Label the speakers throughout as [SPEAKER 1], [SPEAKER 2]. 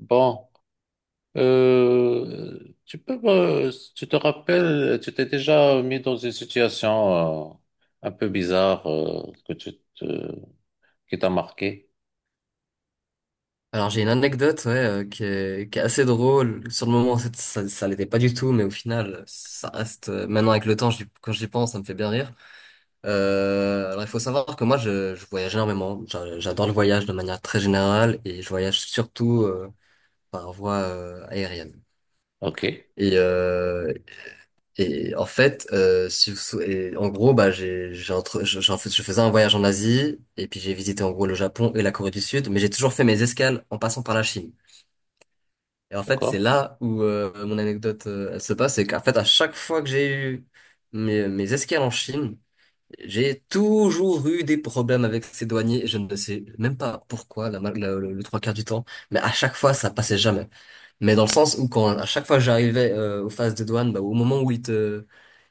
[SPEAKER 1] Bon, tu peux, tu te rappelles, tu t'es déjà mis dans une situation un peu bizarre qui t'a marqué.
[SPEAKER 2] Alors j'ai une anecdote ouais, qui est assez drôle. Sur le moment, ça l'était pas du tout, mais au final, ça reste. Maintenant, avec le temps, quand j'y pense, ça me fait bien rire. Alors il faut savoir que moi, je voyage énormément. J'adore le voyage de manière très générale et je voyage surtout par voie aérienne.
[SPEAKER 1] Ok,
[SPEAKER 2] Et, euh, et en fait, si vous sou- et en gros, bah, j'ai entre, je, j'en fais- je faisais un voyage en Asie et puis j'ai visité en gros le Japon et la Corée du Sud, mais j'ai toujours fait mes escales en passant par la Chine. Et en fait, c'est
[SPEAKER 1] d'accord.
[SPEAKER 2] là où mon anecdote elle se passe, c'est qu'en fait, à chaque fois que j'ai eu mes escales en Chine, j'ai toujours eu des problèmes avec ces douaniers. Et je ne sais même pas pourquoi, la, ma- le trois quarts du temps, mais à chaque fois, ça passait jamais. Mais dans le sens où quand à chaque fois que j'arrivais aux phases de douane, bah, au moment où ils te,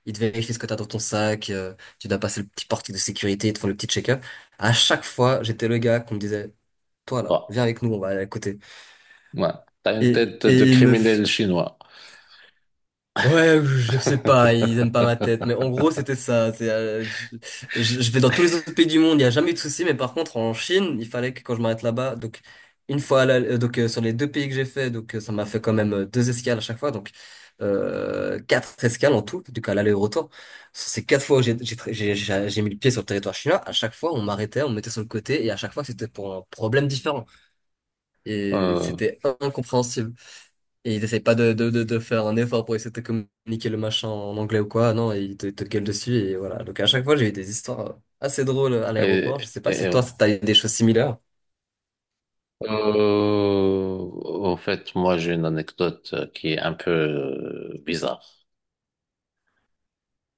[SPEAKER 2] ils te vérifient ce que t'as dans ton sac, tu dois passer le petit portique de sécurité, ils te font le petit check-up. À chaque fois, j'étais le gars qu'on me disait, toi là,
[SPEAKER 1] Bon,
[SPEAKER 2] viens avec nous, on va aller à côté.
[SPEAKER 1] ouais, t'as une
[SPEAKER 2] Et,
[SPEAKER 1] tête de
[SPEAKER 2] et il me,
[SPEAKER 1] criminel chinois.
[SPEAKER 2] Ouais, je sais pas, ils aiment pas ma tête, mais en gros, c'était ça. Je vais dans tous les autres pays du monde, il n'y a jamais eu de souci, mais par contre, en Chine, il fallait que quand je m'arrête là-bas, donc une fois, donc sur les deux pays que j'ai fait, donc ça m'a fait quand même deux escales à chaque fois, donc quatre escales en tout, du coup à l'aller et au retour. C'est quatre fois où j'ai tra- j'ai mis le pied sur le territoire chinois, à chaque fois, on m'arrêtait, on me mettait sur le côté, et à chaque fois, c'était pour un problème différent, et
[SPEAKER 1] Euh,
[SPEAKER 2] c'était incompréhensible. Et ils essaient pas de faire un effort pour essayer de te communiquer le machin en anglais ou quoi. Non, ils te gueulent dessus et voilà. Donc à chaque fois, j'ai eu des histoires assez drôles à
[SPEAKER 1] et,
[SPEAKER 2] l'aéroport. Je sais pas si
[SPEAKER 1] et-
[SPEAKER 2] toi, t'as eu des choses similaires.
[SPEAKER 1] Euh, En fait, moi, j'ai une anecdote qui est un peu bizarre.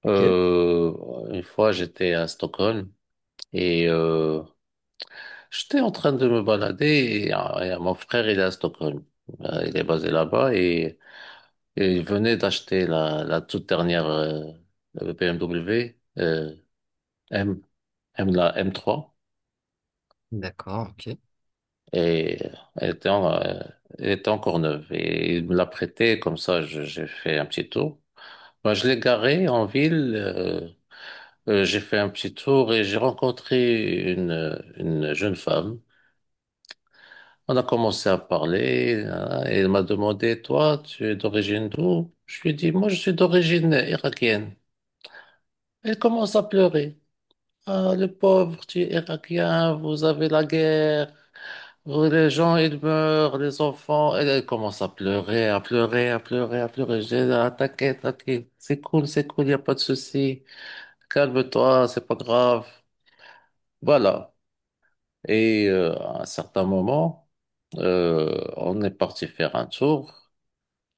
[SPEAKER 2] Ok,
[SPEAKER 1] Euh, une fois, j'étais à Stockholm et j'étais en train de me balader et mon frère, il est à Stockholm. Il est basé là-bas et il venait d'acheter la toute dernière BMW M, la M3,
[SPEAKER 2] d'accord, ok.
[SPEAKER 1] et elle était, en- euh, elle était encore neuve et il me l'a prêtée comme ça, j'ai fait un petit tour. Moi, je l'ai garé en ville. J'ai fait un petit tour et j'ai rencontré une jeune femme. On a commencé à parler, hein, et elle m'a demandé, toi, tu es d'origine d'où? Je lui ai dit, moi, je suis d'origine irakienne. Elle commence à pleurer. Ah, le pauvre, tu es irakien, vous avez la guerre. Les gens, ils meurent, les enfants. Elle commence à pleurer, à pleurer, à pleurer, à pleurer. Je dis, ah, t'inquiète, t'inquiète. C'est cool, il n'y a pas de souci. Calme-toi, c'est pas grave. Voilà. Et à un certain moment, on est parti faire un tour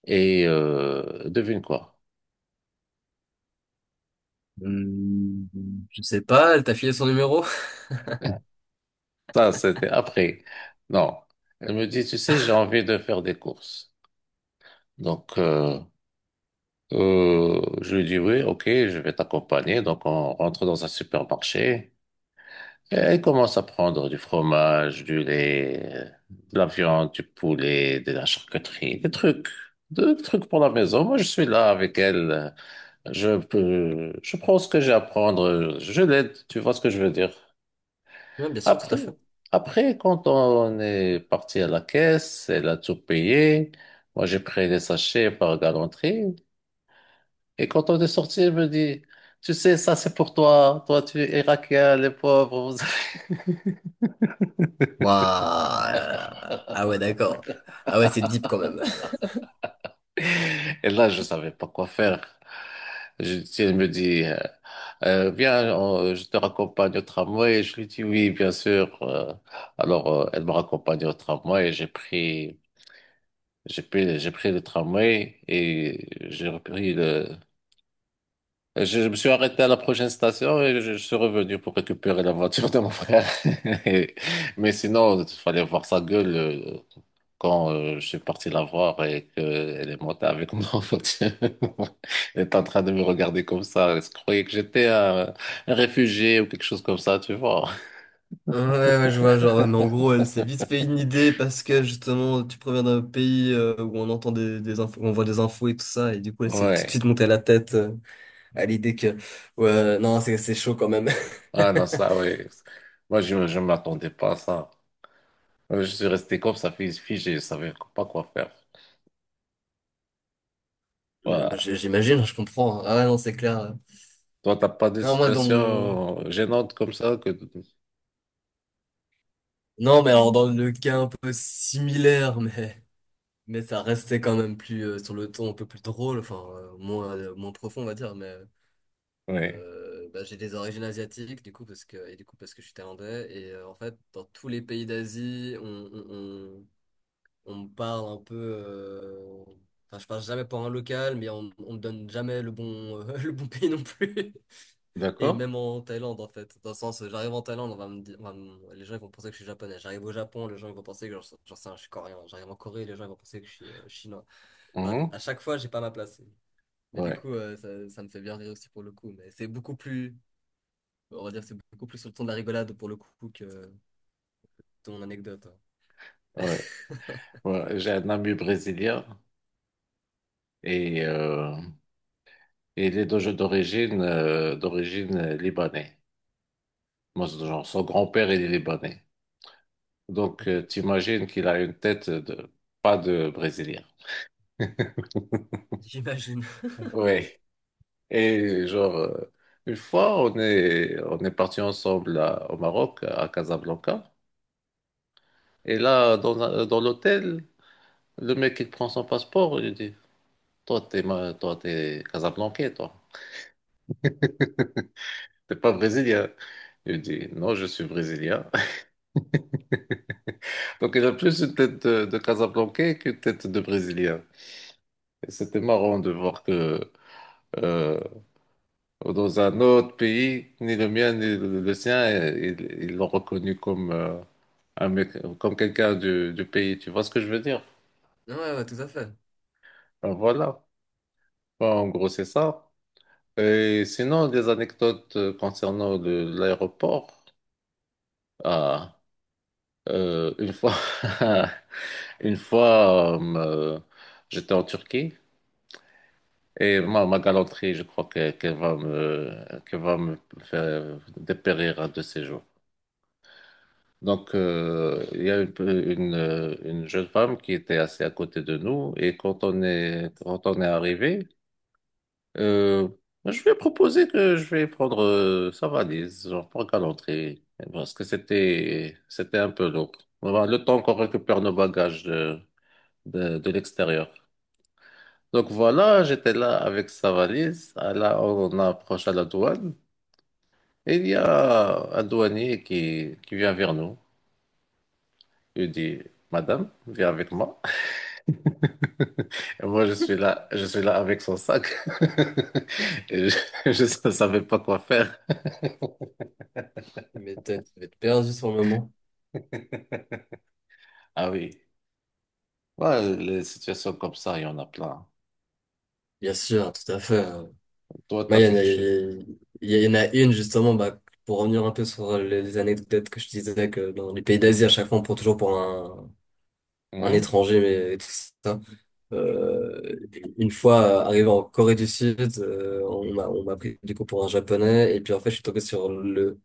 [SPEAKER 1] et devine quoi?
[SPEAKER 2] Hmm, je sais pas, elle t'a filé son numéro?
[SPEAKER 1] Ça, c'était après. Non. Elle me dit, tu sais, j'ai envie de faire des courses. Donc, je lui dis, oui, ok, je vais t'accompagner. Donc, on rentre dans un supermarché. Elle commence à prendre du fromage, du lait, de la viande, du poulet, de la charcuterie, des trucs pour la maison. Moi, je suis là avec elle. Je prends ce que j'ai à prendre. Je l'aide. Tu vois ce que je veux dire?
[SPEAKER 2] Ouais, bien sûr, tout à
[SPEAKER 1] Après,
[SPEAKER 2] fait.
[SPEAKER 1] après, quand on est parti à la caisse, elle a tout payé. Moi, j'ai pris les sachets par galanterie. Et quand on est sorti, elle me dit, tu sais, ça, c'est pour toi. Toi, tu es irakien, les pauvres, vous avez.
[SPEAKER 2] Waouh. Ah ouais, d'accord. Ah ouais, c'est deep quand même.
[SPEAKER 1] Et là, je savais pas quoi faire. Je, si Elle me dit, viens, je te raccompagne au tramway. Je lui dis oui, bien sûr. Alors, elle me raccompagne au tramway. J'ai pris le tramway et j'ai repris le. Je me suis arrêté à la prochaine station et je suis revenu pour récupérer la voiture de mon frère. Et- mais sinon, il fallait voir sa gueule quand je suis parti la voir et qu'elle est montée avec moi en fait. Elle est en train de me regarder comme ça. Elle se croyait que j'étais un réfugié ou quelque chose comme ça, tu vois.
[SPEAKER 2] Ouais, ouais, je vois, genre, mais en gros, elle s'est vite fait une idée parce que justement, tu proviens d'un pays où on entend des infos, on voit des infos et tout ça, et du coup, elle s'est tout de
[SPEAKER 1] Ouais.
[SPEAKER 2] suite montée à la tête à l'idée que, ouais, non, c'est chaud quand même.
[SPEAKER 1] Ah non, ça, ouais. Moi, je ne m'attendais pas à ça. Je suis resté comme ça, figé. Je savais pas quoi faire.
[SPEAKER 2] Ouais, bah,
[SPEAKER 1] Voilà.
[SPEAKER 2] j'imagine, je comprends, hein. Ah ouais, non, c'est clair, ouais.
[SPEAKER 1] Toi, t'as pas des
[SPEAKER 2] Non, moi, dans mon...
[SPEAKER 1] situations gênantes comme ça que...
[SPEAKER 2] Non, mais alors, dans le cas un peu similaire, mais ça restait quand même plus sur le ton un peu plus drôle, enfin, moins, moins profond, on va dire, mais.
[SPEAKER 1] Oui,
[SPEAKER 2] Bah, j'ai des origines asiatiques du coup parce que et du coup parce que je suis thaïlandais et en fait dans tous les pays d'Asie on me parle un peu enfin je parle jamais pour un local mais on me donne jamais le bon le bon pays non plus et
[SPEAKER 1] d'accord?
[SPEAKER 2] même en Thaïlande en fait dans le sens j'arrive en Thaïlande on va me dire les gens ils vont penser que je suis japonais, j'arrive au Japon les gens ils vont penser que j'en sais rien, je suis coréen, j'arrive en Corée les gens ils vont penser que je suis chinois. Enfin,
[SPEAKER 1] Mhm.
[SPEAKER 2] à chaque fois j'ai pas ma place mais du
[SPEAKER 1] Ouais.
[SPEAKER 2] coup ça, ça me fait bien rire aussi pour le coup mais c'est beaucoup plus on va dire que c'est beaucoup plus sur le ton de la rigolade pour le coup que ton anecdote.
[SPEAKER 1] Ouais. Ouais. J'ai un ami brésilien et... et il est d'origine d'origine libanais. Moi, c'est genre, son grand-père, il est libanais. Donc,
[SPEAKER 2] Ok,
[SPEAKER 1] t'imagines qu'il a une tête de pas de Brésilien.
[SPEAKER 2] j'imagine.
[SPEAKER 1] Oui. Et genre, une fois, on est parti ensemble au Maroc, à Casablanca. Et là, dans l'hôtel, le mec, il prend son passeport. Il dit, toi, toi, t'es Casablancais, toi. T'es pas brésilien. Il dit, non, je suis brésilien. Donc il a plus une tête de Casablanca qu'une tête de Brésilien. Et c'était marrant de voir que euh, dans un autre pays, ni le mien ni le sien, ils l'ont reconnu comme, un mec, comme quelqu'un du pays. Tu vois ce que je veux dire?
[SPEAKER 2] Ouais, ouais, tout à fait.
[SPEAKER 1] Ben voilà. Ben, en gros, c'est ça. Et sinon, des anecdotes concernant l'aéroport. Ah, une fois, une fois j'étais en Turquie. Et ma galanterie, je crois qu'elle va me faire dépérir un de ces jours. Donc, il y a une jeune femme qui était assise à côté de nous et quand on est arrivé, euh, je lui ai proposé que je vais prendre sa valise, genre pour galanterie, parce que c'était un peu lourd. Voilà, le temps qu'on récupère nos bagages de l'extérieur. Donc voilà, j'étais là avec sa valise. Ah, là, on approche à la douane. Et il y a un douanier qui vient vers nous. Il dit, madame, viens avec moi. Et moi, je suis là avec son sac. Et je ne savais pas quoi faire.
[SPEAKER 2] Mais t'as, tu devais être perdu sur le moment.
[SPEAKER 1] Ah oui. Ouais, les situations comme ça, il y en a plein.
[SPEAKER 2] Bien sûr, tout à fait, hein.
[SPEAKER 1] Toi,
[SPEAKER 2] Moi,
[SPEAKER 1] t'as
[SPEAKER 2] il y en a,
[SPEAKER 1] quelque chose.
[SPEAKER 2] il y en a une, justement, bah, pour revenir un peu sur les anecdotes que je disais, que dans les pays d'Asie, à chaque fois, on prend toujours pour un
[SPEAKER 1] Mhm.
[SPEAKER 2] étranger, mais et tout ça. Euh, une fois arrivé en Corée du Sud, on m'a pris du coup pour un japonais, et puis en fait, je suis tombé sur le,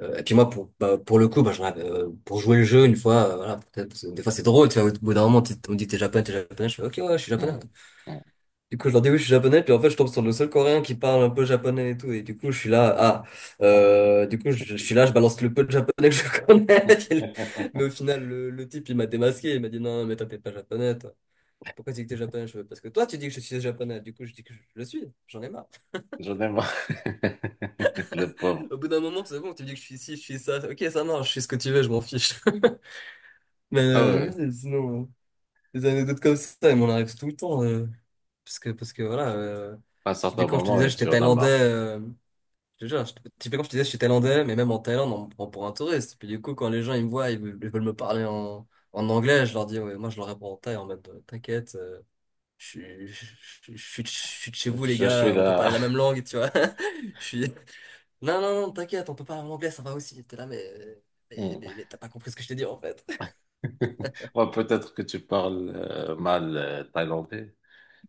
[SPEAKER 2] Et puis moi, bah, pour le coup, bah, pour jouer le jeu, une fois, voilà, peut-être, parce que des fois c'est drôle, tu vois, au bout d'un moment, on me dit t'es japonais, je fais ok, ouais, je suis japonais. Ouais.
[SPEAKER 1] Mhm. Mhm.
[SPEAKER 2] Du coup, je leur dis oui, je suis japonais, puis en fait, je tombe sur le seul coréen qui parle un peu japonais et tout, et du coup, je suis là, ah, du coup, je suis là, je balance le peu de japonais que je connais, mais au final, le type, il m'a démasqué, il m'a dit non, mais toi, t'es pas japonais, toi. Pourquoi tu dis que t'es japonais? Je fais, parce que toi, tu dis que je suis japonais, du coup, je dis que je le suis, j'en ai marre.
[SPEAKER 1] J'en ai marre. Le pauvre.
[SPEAKER 2] Au bout d'un moment, c'est bon, tu dis que je suis ci, je suis ça, ok, ça marche, je suis ce que tu veux, je m'en fiche. Mais
[SPEAKER 1] Ah ouais.
[SPEAKER 2] oui, sinon, des anecdotes comme ça, il m'en arrive tout le temps. Parce que voilà,
[SPEAKER 1] À un certain
[SPEAKER 2] typiquement, je te
[SPEAKER 1] moment,
[SPEAKER 2] disais, j'étais
[SPEAKER 1] tu en as
[SPEAKER 2] thaïlandais.
[SPEAKER 1] marre.
[SPEAKER 2] Je te jure, typiquement, je te disais, j'étais thaïlandais, mais même en Thaïlande, on me prend pour un touriste. Puis du coup, quand les gens ils me voient, ils veulent me parler en anglais, je leur dis, ouais, moi, je leur réponds en thaï en mode, t'inquiète, je, suis- je, je suis de chez vous, les
[SPEAKER 1] Je suis
[SPEAKER 2] gars, on peut
[SPEAKER 1] là.
[SPEAKER 2] parler la même langue, tu vois. Je suis, non, non, non, t'inquiète, on peut parler en anglais, ça va aussi. T'es là, mais, mais, mais, mais t'as pas compris ce que je t'ai dit, en fait.
[SPEAKER 1] Ouais, peut-être que tu parles mal thaïlandais.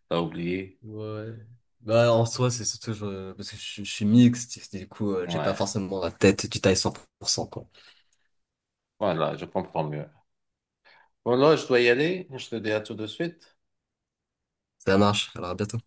[SPEAKER 1] T'as oublié.
[SPEAKER 2] Ouais. Bah, en soi, c'est surtout parce que je suis mixte, du coup, j'ai pas
[SPEAKER 1] Ouais.
[SPEAKER 2] forcément la tête du taille 100% quoi.
[SPEAKER 1] Voilà, je comprends mieux. Bon, là, je dois y aller. Je te dis à tout de suite.
[SPEAKER 2] Ça marche, alors à bientôt.